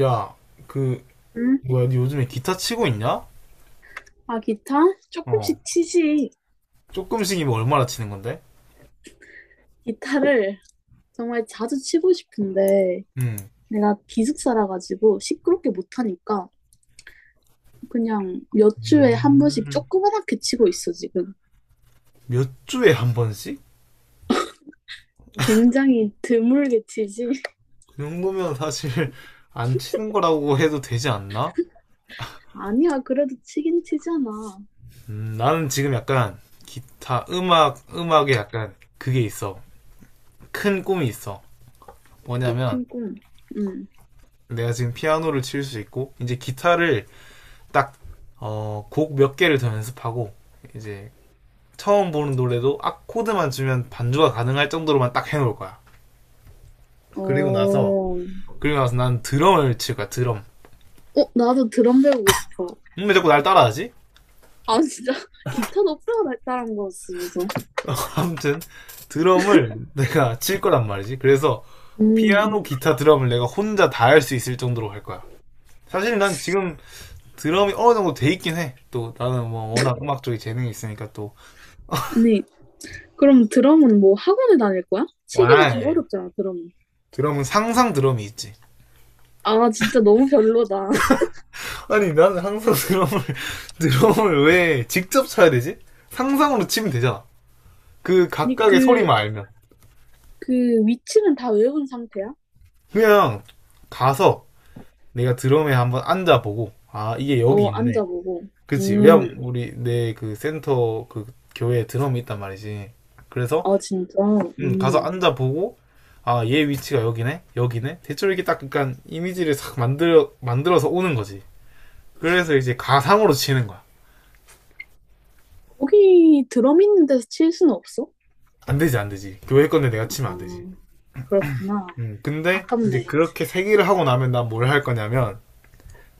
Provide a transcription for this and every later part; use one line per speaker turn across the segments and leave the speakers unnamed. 야, 그,
음?
뭐야, 니 요즘에 기타 치고 있냐?
아, 기타?
어.
조금씩 치지.
조금씩이면 얼마나 치는 건데?
기타를 정말 자주 치고 싶은데,
음.
내가 기숙사라 가지고 시끄럽게 못하니까, 그냥 몇 주에 한 번씩
음.
조그맣게 치고 있어, 지금.
몇 주에 한 번씩?
굉장히 드물게 치지.
그 정도면 사실 안 치는 거라고 해도 되지 않나?
아니야, 그래도 치긴 치잖아.
나는 지금 약간 기타, 음악, 음악에 약간 그게 있어. 큰 꿈이 있어.
오,
뭐냐면,
큰 꿈. 응.
내가 지금 피아노를 칠 수 있고, 이제 기타를 딱, 곡 몇 개를 더 연습하고, 이제 처음 보는 노래도 악코드만 주면 반주가 가능할 정도로만 딱 해놓을 거야.
어,
그리고 나서
어,
그리고 나서 난 드럼을 칠 거야. 드럼.
나도 드럼 배우고 싶어.
왜 자꾸 날 따라하지?
아, 진짜. 기타도 배워달라는 거였어, 그래서.
아무튼 드럼을 내가 칠 거란 말이지. 그래서
음.
피아노, 기타, 드럼을 내가 혼자 다 할 수 있을 정도로 할 거야. 사실 난 지금 드럼이 어느 정도 돼 있긴 해. 또 나는 뭐 워낙 음악 쪽에 재능이 있으니까 또.
아니, 그럼 드럼은 뭐 학원을 다닐 거야?
와.
치기가 좀 어렵잖아, 드럼은.
드럼은 상상 드럼이 있지.
아, 진짜 너무 별로다.
아니 나는 항상 드럼을 드럼을 왜 직접 쳐야 되지? 상상으로 치면 되잖아. 그
아니,
각각의 소리만 알면.
그 위치는 다 외운 상태야?
그냥 가서 내가 드럼에 한번 앉아보고, 아 이게 여기
어,
있네.
앉아보고.
그치
음,
왜냐면 우리 내 그 센터 그 교회에 드럼이 있단 말이지. 그래서
아, 진짜. 음.
가서 앉아보고, 아 얘 위치가 여기네 대충 이렇게 딱 약간 이미지를 싹 만들어서 오는 거지. 그래서 이제 가상으로 치는 거야.
거기 드럼 있는 데서 칠 수는 없어?
안 되지, 교회 건데 내가 치면 안 되지.
아, 그렇구나.
근데 이제
아깝네.
그렇게 세기를 하고 나면 난 뭘 할 거냐면,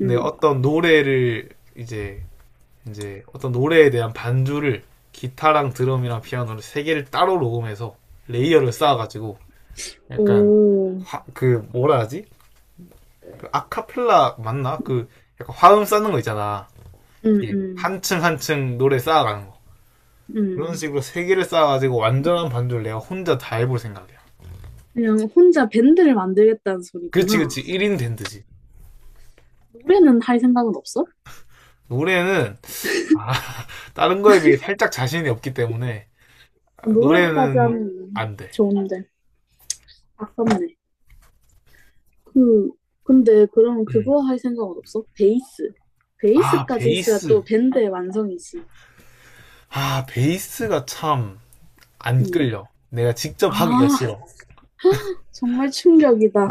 내
음.
어떤 노래를 이제 이제 어떤 노래에 대한 반주를, 기타랑 드럼이랑 피아노를 세 개를 따로 녹음해서 레이어를 쌓아가지고 약간
오,
그 뭐라 하지? 그 아카펠라 맞나? 그 약간 화음 쌓는 거 있잖아. 예.
음,
한층 한층 노래 쌓아가는 거. 그런
음.
식으로 세 개를 쌓아가지고 완전한 반주를 내가 혼자 다 해볼 생각이야.
그냥 혼자 밴드를 만들겠다는
그렇
소리구나.
지 1인 밴드지.
노래는 할 생각은 없어?
노래는, 아, 다른 거에 비해 살짝 자신이 없기 때문에,
아, 노래까지
노래는
하면
안 돼.
좋은데. 아깝네. 그, 근데 그럼
음.
그거 할 생각은 없어? 베이스.
아
베이스까지 있어야
베이스,
또 밴드의 완성이지.
아, 베이스가 참 안
음.
끌려. 내가 직접 하기가
아,
싫어.
정말 충격이다.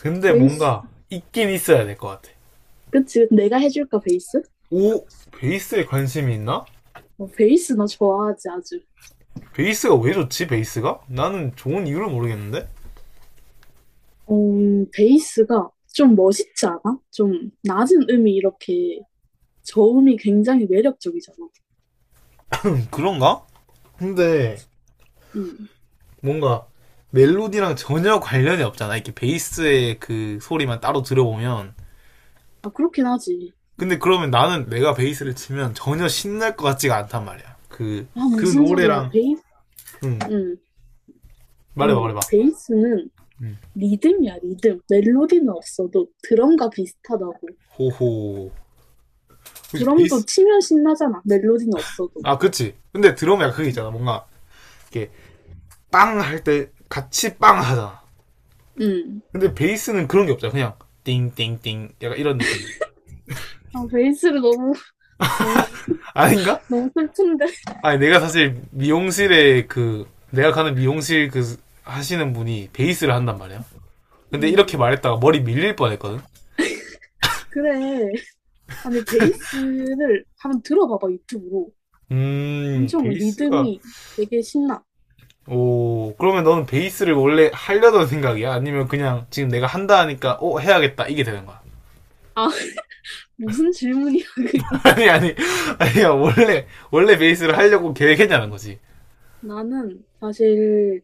근데
베이스.
뭔가 있긴 있어야 될 것 같아.
그치, 내가 해줄까, 베이스?
오, 베이스에 관심이 있나?
어, 베이스 나 좋아하지, 아주.
베이스가 왜 좋지, 베이스가? 나는 좋은 이유를 모르겠는데?
어, 베이스가 좀 멋있지 않아? 좀 낮은 음이 이렇게 저음이 굉장히 매력적이잖아.
그런가? 근데
음.
뭔가 멜로디랑 전혀 관련이 없잖아. 이렇게 베이스의 그 소리만 따로 들어보면.
아, 그렇긴 하지.
근데 그러면 나는 내가 베이스를 치면 전혀 신날 것 같지가 않단 말이야. 그,
아,
그
무슨 소리야,
노래랑,
베이스?
응,
음. 아니,
말해봐.
베이스는
응.
리듬이야, 리듬. 멜로디는 없어도 드럼과 비슷하다고.
호호. 혹시
드럼도
베이스,
치면 신나잖아. 멜로디는 없어도.
아, 그치. 근데 드럼 약간 그게 있잖아. 뭔가, 이렇게, 빵 할 때, 같이 빵 하잖아.
음.
근데 베이스는 그런 게 없잖아. 그냥, 띵띵띵. 약간 이런 느낌.
아, 베이스를 너무, 너무,
아닌가?
너무 슬픈데.
아니, 내가 사실 미용실에 그, 내가 가는 미용실 그, 하시는 분이 베이스를 한단 말이야. 근데 이렇게
음.
말했다가 머리 밀릴 뻔 했거든?
그래. 아니, 베이스를 한번 들어봐봐, 유튜브로. 엄청
베이스가,
리듬이 되게 신나.
오, 그러면 너는 베이스를 원래 하려던 생각이야? 아니면 그냥 지금 내가 한다 하니까, 어, 해야겠다. 이게 되는 거야.
아, 무슨 질문이야, 그게.
아니 아니야 원래 베이스를 하려고 계획했냐는 거지.
나는 사실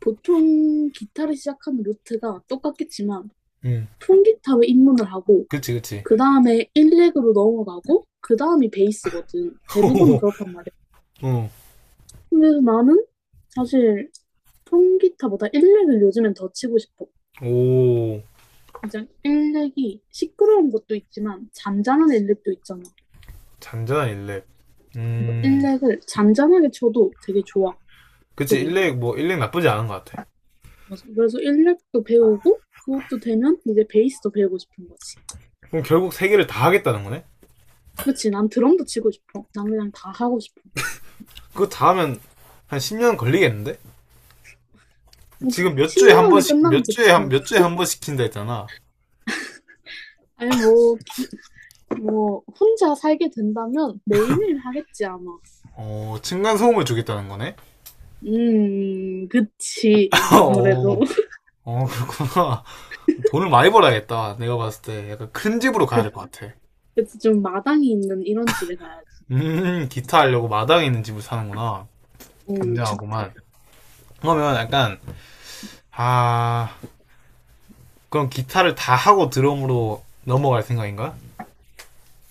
보통 기타를 시작하는 루트가 똑같겠지만
음.
통기타로 입문을 하고
그치.
그 다음에 일렉으로 넘어가고, 그 다음이 베이스거든. 대부분은 그렇단 말이야.
어
근데 나는 사실 통기타보다 일렉을 요즘엔 더 치고 싶어.
오
이제 일 렉이 시끄러운 것도 있지만, 잔잔한 일렉도 있잖아.
잔잔한 일렉.
그래서 일
음.
렉을 잔잔하게 쳐도 되게 좋아,
그치
소리가.
일렉, 뭐 일렉 나쁘지 않은 것 같아.
맞아. 그래서 일렉도 배우고, 그것도 되면 이제 베이스도 배우고 싶은 거지.
그럼 결국 세 개를 다 하겠다는 거네?
그치, 난 드럼도 치고 싶어. 난 그냥 다 하고 싶어.
그거 다 하면 한 10년 걸리겠는데? 지금 몇
신
주에 한
년 안에
번씩
끝나면
몇
좋지.
주에 한
뭐.
몇 주에 한 번 시킨다 했잖아.
아니, 뭐, 혼자 살게 된다면 매일매일 하겠지, 아마.
어 층간 소음을 주겠다는 거네?
그치. 아무래도.
어. 어 그렇구나. 돈을 많이 벌어야겠다. 내가 봤을 때 약간 큰 집으로 가야
그,
될 것 같아.
그치. 좀 마당이 있는 이런 집에 가야지.
기타 하려고 마당에 있는 집을 사는구나.
주택.
굉장하구만. 그러면 약간, 아, 그럼 기타를 다 하고 드럼으로 넘어갈 생각인가?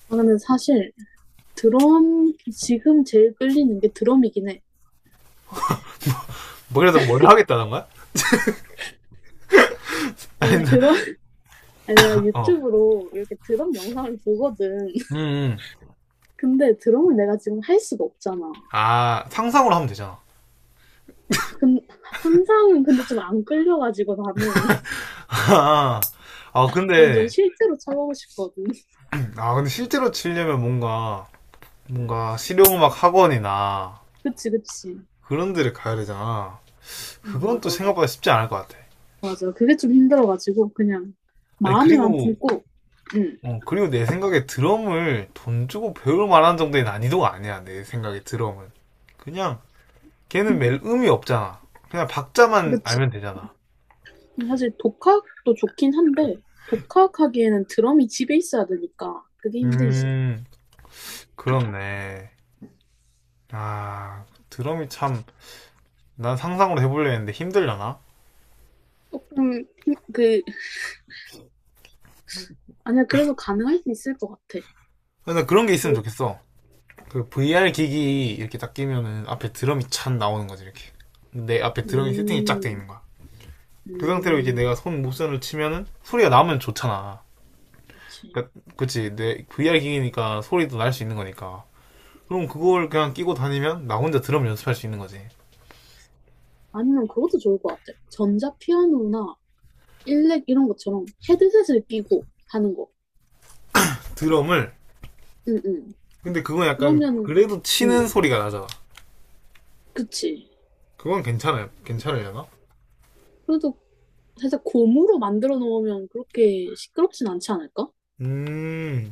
아, 근데 사실, 드럼, 지금 제일 끌리는 게 드럼이긴 해, 사실.
뭐, 그래서 뭘 하겠다는 거야?
아니, 드럼, 아니, 내가
아 어.
유튜브로 이렇게 드럼 영상을 보거든.
음, 음.
근데 드럼을 내가 지금 할 수가 없잖아.
아, 상상으로 하면 되잖아.
근, 상상은 근데 좀 안 끌려가지고 나는.
아,
난 좀
근데,
실제로 쳐보고 싶거든.
아, 근데 실제로 치려면 뭔가, 뭔가 실용음악 학원이나
그치, 그치.
그런 데를 가야 되잖아. 그건 또
맞아.
생각보다 쉽지 않을 것 같아.
맞아. 그게 좀 힘들어가지고, 그냥,
아니,
마음에만
그리고
품고, 응.
어, 그리고 내 생각에 드럼을 돈 주고 배울 만한 정도의 난이도가 아니야. 내 생각에 드럼은. 그냥 걔는 멜 음이 없잖아. 그냥 박자만
그치.
알면 되잖아.
사실 독학도 좋긴 한데, 독학하기에는 드럼이 집에 있어야 되니까, 그게 힘들지.
음, 그렇네. 아, 드럼이 참, 난 상상으로 해보려 했는데 힘들려나?
조금, 힘, 그, 아니야, 그래도 가능할 수 있을 것 같아.
근데 그런 게 있으면 좋겠어. 그 VR 기기 이렇게 딱 끼면은 앞에 드럼이 찬 나오는 거지, 이렇게. 내 앞에 드럼이 세팅이 쫙 돼
음,
있는 거야. 그 상태로 이제
음,
내가 손 모션을 치면은 소리가 나면 좋잖아.
그치.
그러니까 그치 내 VR 기기니까 소리도 날 수 있는 거니까, 그럼 그걸 그냥 끼고 다니면 나 혼자 드럼 연습할 수 있는 거지.
아니면 그것도 좋을 것 같아. 전자 피아노나 일렉 이런 것처럼 헤드셋을 끼고 하는 거.
드럼을,
응, 응.
근데 그건 약간
그러면,
그래도 치는
응,
소리가 나잖아.
그치.
그건 괜찮아요 괜찮으려나?
그래도 살짝 고무로 만들어 놓으면 그렇게 시끄럽진 않지 않을까?
음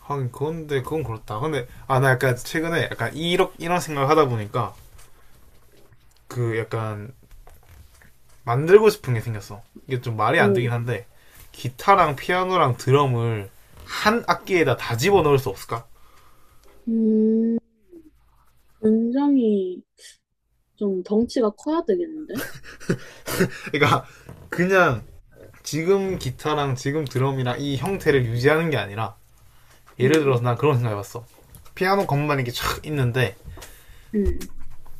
하긴 그건데 그건 그렇다. 근데 아 나 약간 최근에 약간 이런 생각을 하다 보니까 그 약간 만들고 싶은 게 생겼어. 이게 좀 말이 안
오,
되긴 한데, 기타랑 피아노랑 드럼을 한 악기에다 다 집어넣을 수 없을까?
음, 굉장히 좀 덩치가 커야 되겠는데?
그러니까 그냥 지금 기타랑 지금 드럼이랑 이 형태를 유지하는 게 아니라, 예를
음,
들어서 난 그런 생각해봤어. 피아노 건반 이렇게 촥 있는데,
음,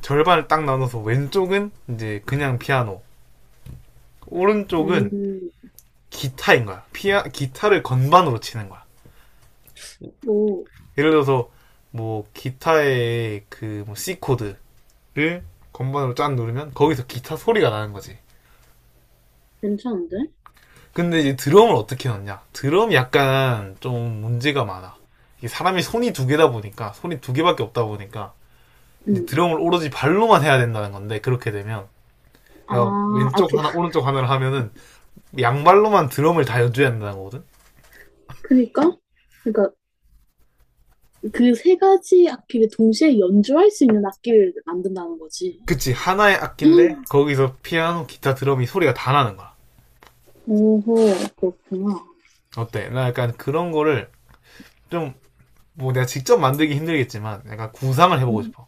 절반을 딱 나눠서 왼쪽은 이제 그냥 피아노, 오른쪽은
음,
기타인 거야. 피아 기타를 건반으로 치는 거야.
오,
예를 들어서 뭐 기타의 그뭐 C 코드를 건반으로 짠 누르면 거기서 기타 소리가 나는 거지.
괜찮은데?
근데 이제 드럼을 어떻게 넣냐? 드럼이 약간 좀 문제가 많아. 이게 사람이 손이 두 개다 보니까 손이 두 개밖에 없다 보니까 이제
음,
드럼을 오로지 발로만 해야 된다는 건데, 그렇게 되면,
아,
그러니까
아,
왼쪽
도,
하나 오른쪽 하나를 하면은 양발로만 드럼을 다 연주해야 된다는 거거든.
그니까? 그니까 그 세 가지 악기를 동시에 연주할 수 있는 악기를 만든다는 거지.
그치 하나의 악기인데 거기서 피아노, 기타, 드럼이 소리가 다 나는 거야.
오호, 그렇구나.
어때? 나 약간 그런 거를 좀, 뭐 내가 직접 만들기 힘들겠지만 약간 구상을 해보고
음,
싶어.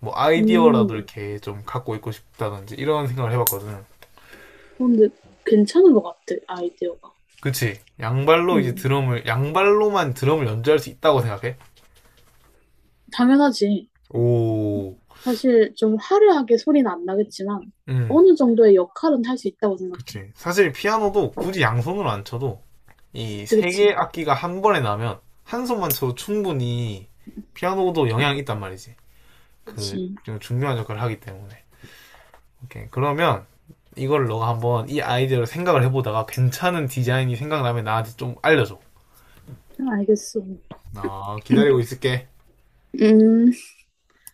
뭐
음,
아이디어라도 이렇게 좀 갖고 있고 싶다든지 이런 생각을 해봤거든.
근데 괜찮은 것 같아, 아이디어가.
그치? 양발로 이제
음,
드럼을 양발로만 드럼을 연주할 수 있다고 생각해?
당연하지.
오,
사실 좀 화려하게 소리는 안 나겠지만
음.
어느 정도의 역할은 할 수 있다고 생각해.
그치. 사실 피아노도 굳이 양손으로 안 쳐도 이
그치,
세 개의
그치,
악기가 한 번에 나면 한 손만 쳐도 충분히 피아노도 영향이 있단 말이지. 그,
그치.
좀 중요한 역할을 하기 때문에. 오케이. 그러면 이걸 너가 한번 이 아이디어를 생각을 해보다가 괜찮은 디자인이 생각나면 나한테 좀 알려줘.
알겠어.
아, 기다리고 있을게.
음.